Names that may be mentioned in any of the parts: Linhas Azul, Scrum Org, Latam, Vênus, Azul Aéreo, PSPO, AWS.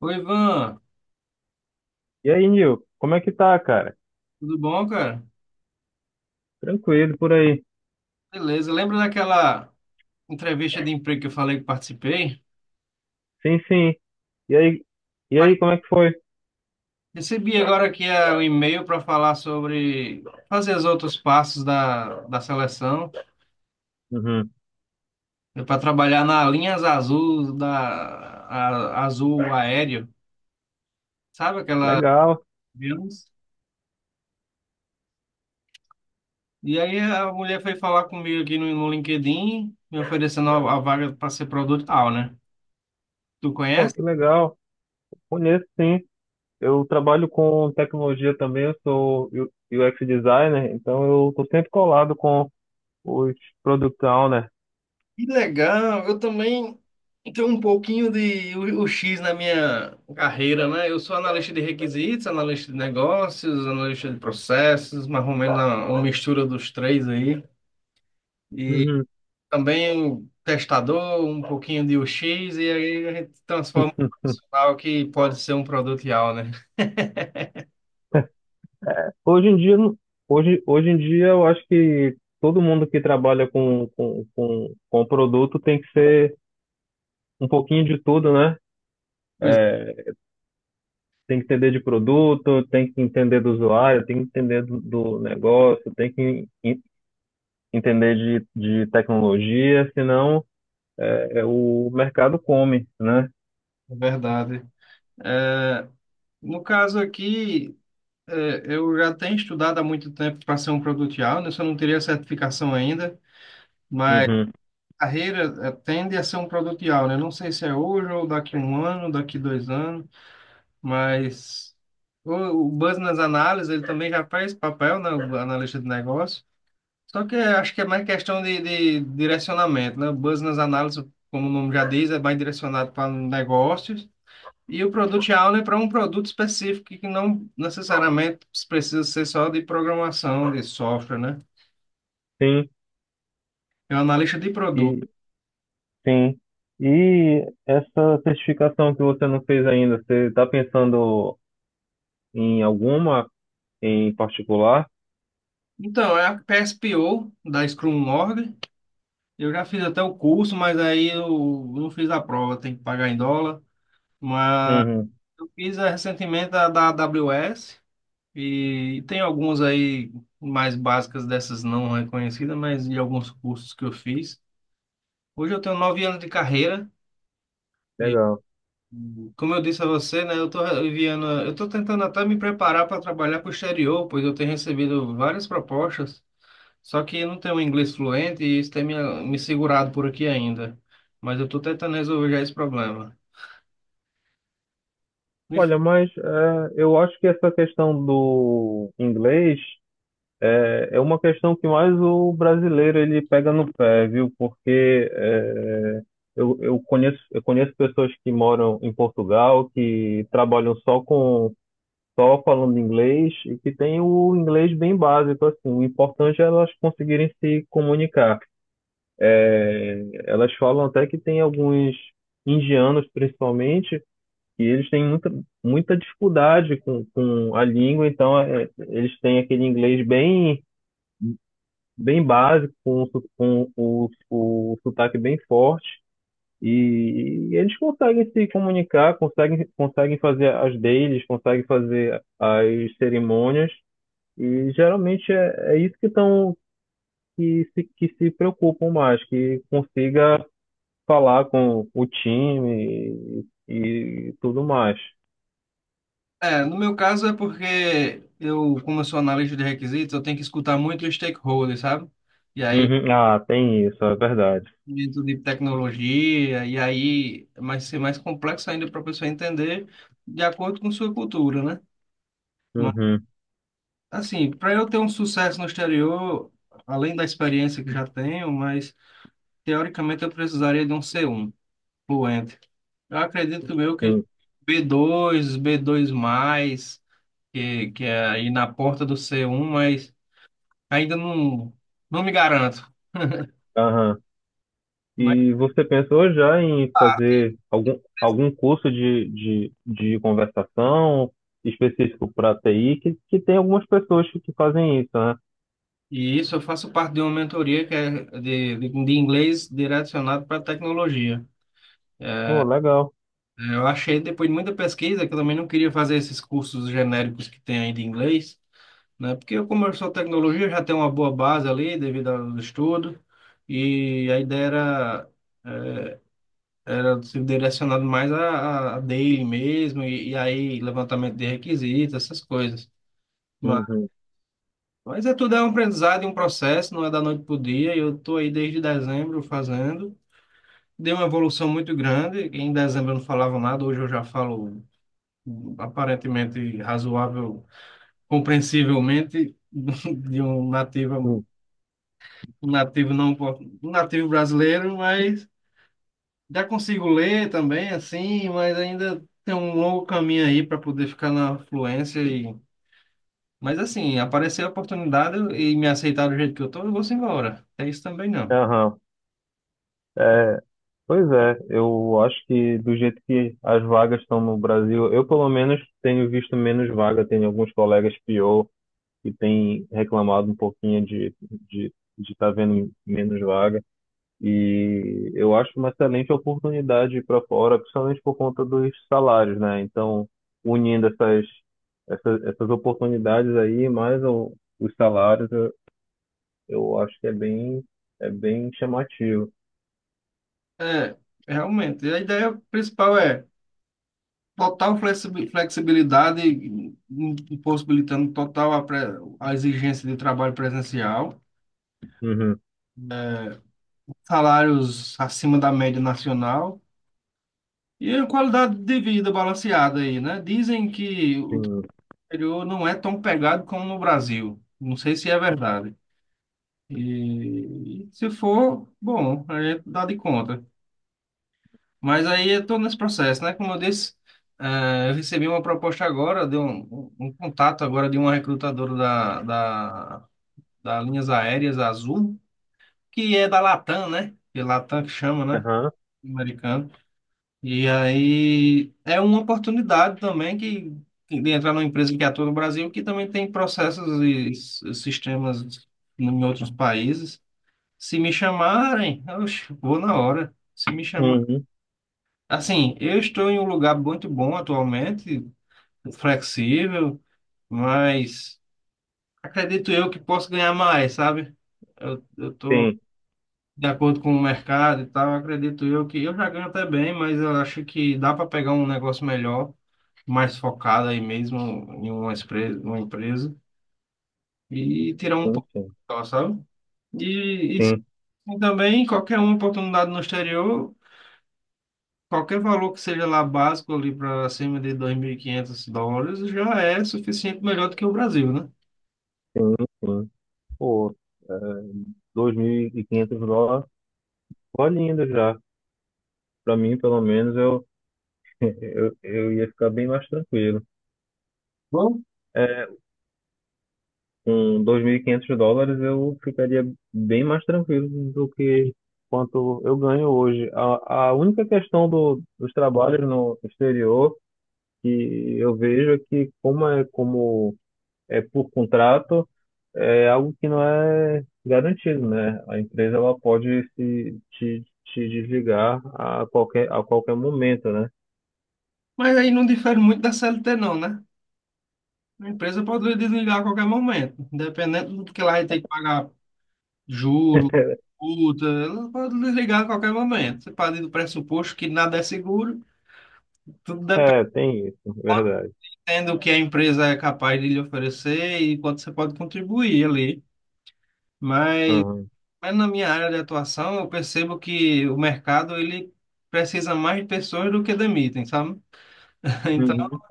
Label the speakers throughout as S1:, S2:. S1: Oi, Ivan,
S2: E aí, Nil, como é que tá, cara?
S1: tudo bom, cara?
S2: Tranquilo por aí.
S1: Beleza, lembra daquela entrevista de emprego que eu falei que participei?
S2: Sim, sim. E aí, como é que foi?
S1: Recebi agora aqui um e-mail para falar sobre fazer os outros passos da seleção
S2: Uhum.
S1: para trabalhar na linhas azul azul aéreo, sabe aquela?
S2: Legal.
S1: Vênus? E aí a mulher foi falar comigo aqui no LinkedIn, me oferecendo a vaga para ser produtor, né? Tu
S2: Pô,
S1: conhece?
S2: que legal. Conheço, sim. Eu trabalho com tecnologia também, eu sou UX designer, então eu tô sempre colado com os product owner.
S1: Que legal, eu também tenho um pouquinho de o X na minha carreira, né? Eu sou analista de requisitos, analista de negócios, analista de processos, mais ou menos uma mistura dos três aí. E
S2: Uhum.
S1: também testador, um pouquinho de U x e aí a gente transforma um profissional que pode ser um produto real, né?
S2: Hoje em dia, hoje, em dia eu acho que todo mundo que trabalha com produto tem que ser um pouquinho de tudo, né?
S1: Pois
S2: Tem que entender de produto, tem que entender do usuário, tem que entender do, do negócio, entender de tecnologia, senão é, o mercado come, né?
S1: é, é verdade. É, no caso aqui, eu já tenho estudado há muito tempo para ser um produto real, né? Só não teria certificação ainda.
S2: Uhum.
S1: Carreira tende a ser um produtial, né? Não sei se é hoje ou daqui a um ano, daqui 2 anos, mas o business analysis ele também já faz papel, né? O analista de negócio. Só que eu acho que é mais questão de direcionamento, né? O business analysis, como o nome já diz, é mais direcionado para negócios. E o product owner para um produto específico que não necessariamente precisa ser só de programação, de software, né?
S2: Sim,
S1: É um analista de produto.
S2: e sim. E essa certificação que você não fez ainda, você está pensando em alguma em particular?
S1: Então, é a PSPO da Scrum Org. Eu já fiz até o curso, mas aí eu não fiz a prova, tem que pagar em dólar. Mas
S2: Uhum,
S1: eu fiz recentemente a da AWS e tem algumas aí mais básicas dessas não reconhecidas, mas de alguns cursos que eu fiz. Hoje eu tenho 9 anos de carreira e,
S2: legal.
S1: como eu disse a você, né, eu estou enviando, eu estou tentando até me preparar para trabalhar para o exterior, pois eu tenho recebido várias propostas, só que eu não tenho um inglês fluente e isso tem me segurado por aqui ainda. Mas eu estou tentando resolver já esse problema.
S2: Olha, mas é, eu acho que essa questão do inglês é, é uma questão que mais o brasileiro ele pega no pé, viu? Porque é, eu conheço, eu conheço pessoas que moram em Portugal, que trabalham só falando inglês e que têm o inglês bem básico, assim. O importante é elas conseguirem se comunicar. Elas falam até que tem alguns indianos, principalmente, que eles têm muita dificuldade com a língua, então é, eles têm aquele inglês bem básico, com, com o sotaque bem forte, e eles conseguem se comunicar, conseguem, conseguem fazer as deles, conseguem fazer as cerimônias, e geralmente é, que se preocupam mais, que consiga falar com o time e tudo mais.
S1: É, no meu caso é porque eu, como eu sou analista de requisitos, eu tenho que escutar muito os stakeholders, sabe? E aí,
S2: Uhum. Ah, tem isso, é verdade.
S1: dentro de tecnologia, e aí vai ser mais complexo ainda para a pessoa entender de acordo com sua cultura, né? Mas,
S2: Uhum,
S1: assim, para eu ter um sucesso no exterior, além da experiência que já tenho, mas teoricamente eu precisaria de um C1 fluente. Eu acredito meu que
S2: sim.
S1: b dois B2+ que é aí na porta do C1, mas ainda não, não me garanto. Mas,
S2: E você pensou já em fazer algum, algum curso de, de conversação específico para TI, que tem algumas pessoas que fazem isso, né?
S1: e isso eu faço parte de uma mentoria que é de inglês direcionado para tecnologia.
S2: Pô, legal.
S1: Eu achei, depois de muita pesquisa, que eu também não queria fazer esses cursos genéricos que tem aí de inglês, né? Porque eu, como eu sou tecnologia, eu já tenho uma boa base ali devido ao estudo, e a ideia era ser direcionado mais a daily mesmo, e aí levantamento de requisitos, essas coisas.
S2: Uhum.
S1: Mas é tudo é um aprendizado e um processo, não é da noite para o dia. Eu estou aí desde dezembro fazendo. Deu uma evolução muito grande. Em dezembro eu não falava nada, hoje eu já falo aparentemente razoável, compreensivelmente, de
S2: Uhum.
S1: um nativo não, um nativo brasileiro, mas já consigo ler também, assim, mas ainda tem um longo caminho aí para poder ficar na fluência e mas assim, aparecer a oportunidade e me aceitar do jeito que eu tô, eu vou embora. É isso também não.
S2: Aham. É, pois é, eu acho que do jeito que as vagas estão no Brasil, eu pelo menos tenho visto menos vaga, tenho alguns colegas pior que têm reclamado um pouquinho de estar vendo menos vaga. E eu acho uma excelente oportunidade para fora, principalmente por conta dos salários, né? Então, unindo essas oportunidades aí, os salários, eu acho que é bem chamativo.
S1: É, realmente. A ideia principal é total flexibilidade, possibilitando total a exigência de trabalho presencial,
S2: Uhum,
S1: né? Salários acima da média nacional e a qualidade de vida balanceada aí, né? Dizem que o
S2: sim.
S1: exterior não é tão pegado como no Brasil. Não sei se é verdade. E se for, bom, a gente dá de conta. Mas aí eu tô nesse processo, né? Como eu disse, eu recebi uma proposta agora, de um contato agora de uma recrutadora da Linhas Aéreas Azul, que é da Latam, né? Que é Latam que chama, né?
S2: Aham.
S1: Americano. E aí é uma oportunidade também que de entrar numa empresa que atua no Brasil, que também tem processos e sistemas em outros países. Se me chamarem, eu vou na hora. Se me chamarem.
S2: Uhum,
S1: Assim, eu estou em um lugar muito bom atualmente, flexível, mas acredito eu que posso ganhar mais, sabe? Eu estou
S2: sim,
S1: de acordo com o mercado e tal, acredito eu que eu já ganho até bem, mas eu acho que dá para pegar um negócio melhor, mais focado aí mesmo em uma empresa e tirar um
S2: sim,
S1: pouco,
S2: sim,
S1: só, sabe? E,
S2: sim,
S1: e também qualquer uma oportunidade no exterior. Qualquer valor que seja lá básico ali para acima de US$ 2.500 já é suficiente melhor do que o Brasil, né?
S2: sim, sim. Pô, é, 2.500 dólares, ó, lindo já. Para mim, pelo menos, eu, eu ia ficar bem mais tranquilo.
S1: Bom,
S2: É, com 2.500 dólares eu ficaria bem mais tranquilo do que quanto eu ganho hoje. A única questão do, dos trabalhos no exterior que eu vejo é que como é por contrato, é algo que não é garantido, né? A empresa ela pode se te, te desligar a qualquer momento, né?
S1: mas aí não difere muito da CLT não, né? A empresa pode desligar a qualquer momento, independente do que lá tem que pagar juro, multa, ela pode desligar a qualquer momento. Você parte do pressuposto que nada é seguro, tudo
S2: É, tem isso, verdade.
S1: dependendo do que a empresa é capaz de lhe oferecer e quanto você pode contribuir ali. Mas
S2: Aham.
S1: Mas na minha área de atuação, eu percebo que o mercado ele precisa mais de pessoas do que demitem, sabe? Então,
S2: Uhum.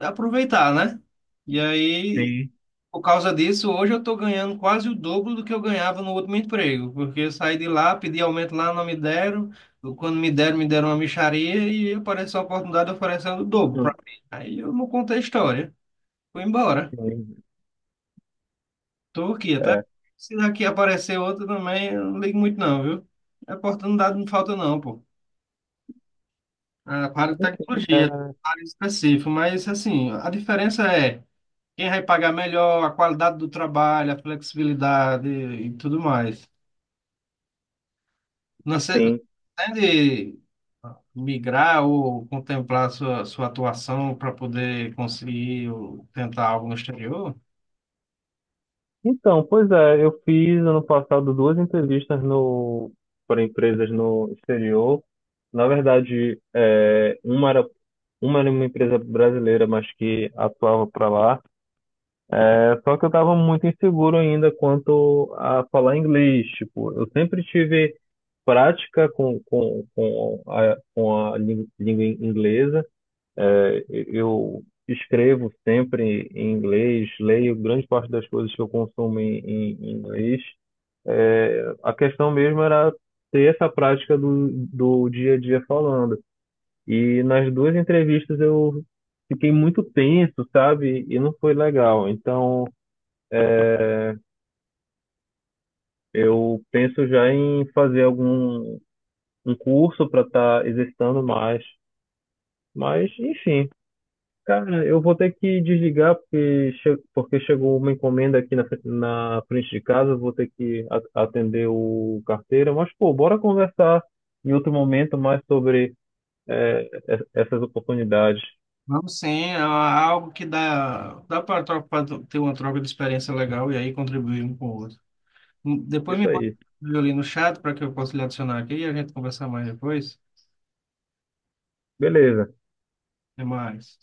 S1: é aproveitar, né? E aí,
S2: Sim.
S1: por causa disso, hoje eu estou ganhando quase o dobro do que eu ganhava no último emprego, porque eu saí de lá, pedi aumento lá, não me deram. Quando me deram uma mixaria e apareceu a oportunidade oferecendo o dobro para mim. Aí eu não contei a história. Fui embora.
S2: Sim.
S1: Estou aqui até.
S2: É.
S1: Se daqui aparecer outra também, eu não ligo muito não, viu? Oportunidade não falta não, pô. Ah, para tecnologia,
S2: É,
S1: para específico, mas assim, a diferença é quem vai pagar melhor, a qualidade do trabalho, a flexibilidade e tudo mais. Não sei,
S2: sim.
S1: pretende migrar ou contemplar sua atuação para poder conseguir ou tentar algo no exterior?
S2: Então, pois é, eu fiz ano passado duas entrevistas para empresas no exterior. Na verdade, é, uma era uma empresa brasileira, mas que atuava para lá. É, só que eu estava muito inseguro ainda quanto a falar inglês. Tipo, eu sempre tive prática com, com a, com a língua inglesa. É, eu escrevo sempre em inglês, leio grande parte das coisas que eu consumo em, em inglês. É, a questão mesmo era ter essa prática do, do dia a dia falando. E nas duas entrevistas eu fiquei muito tenso, sabe? E não foi legal. Então eu penso já em fazer algum um curso para estar exercitando mais. Mas, enfim. Cara, eu vou ter que desligar porque, porque chegou uma encomenda aqui na, na frente de casa, vou ter que atender o carteiro. Mas, pô, bora conversar em outro momento mais sobre essas oportunidades.
S1: Vamos sim, é algo que dá, dá para ter uma troca de experiência legal e aí contribuir um com o outro. Depois me
S2: Isso aí.
S1: manda ali no chat para que eu possa lhe adicionar aqui e a gente conversar mais depois.
S2: Beleza.
S1: Até mais.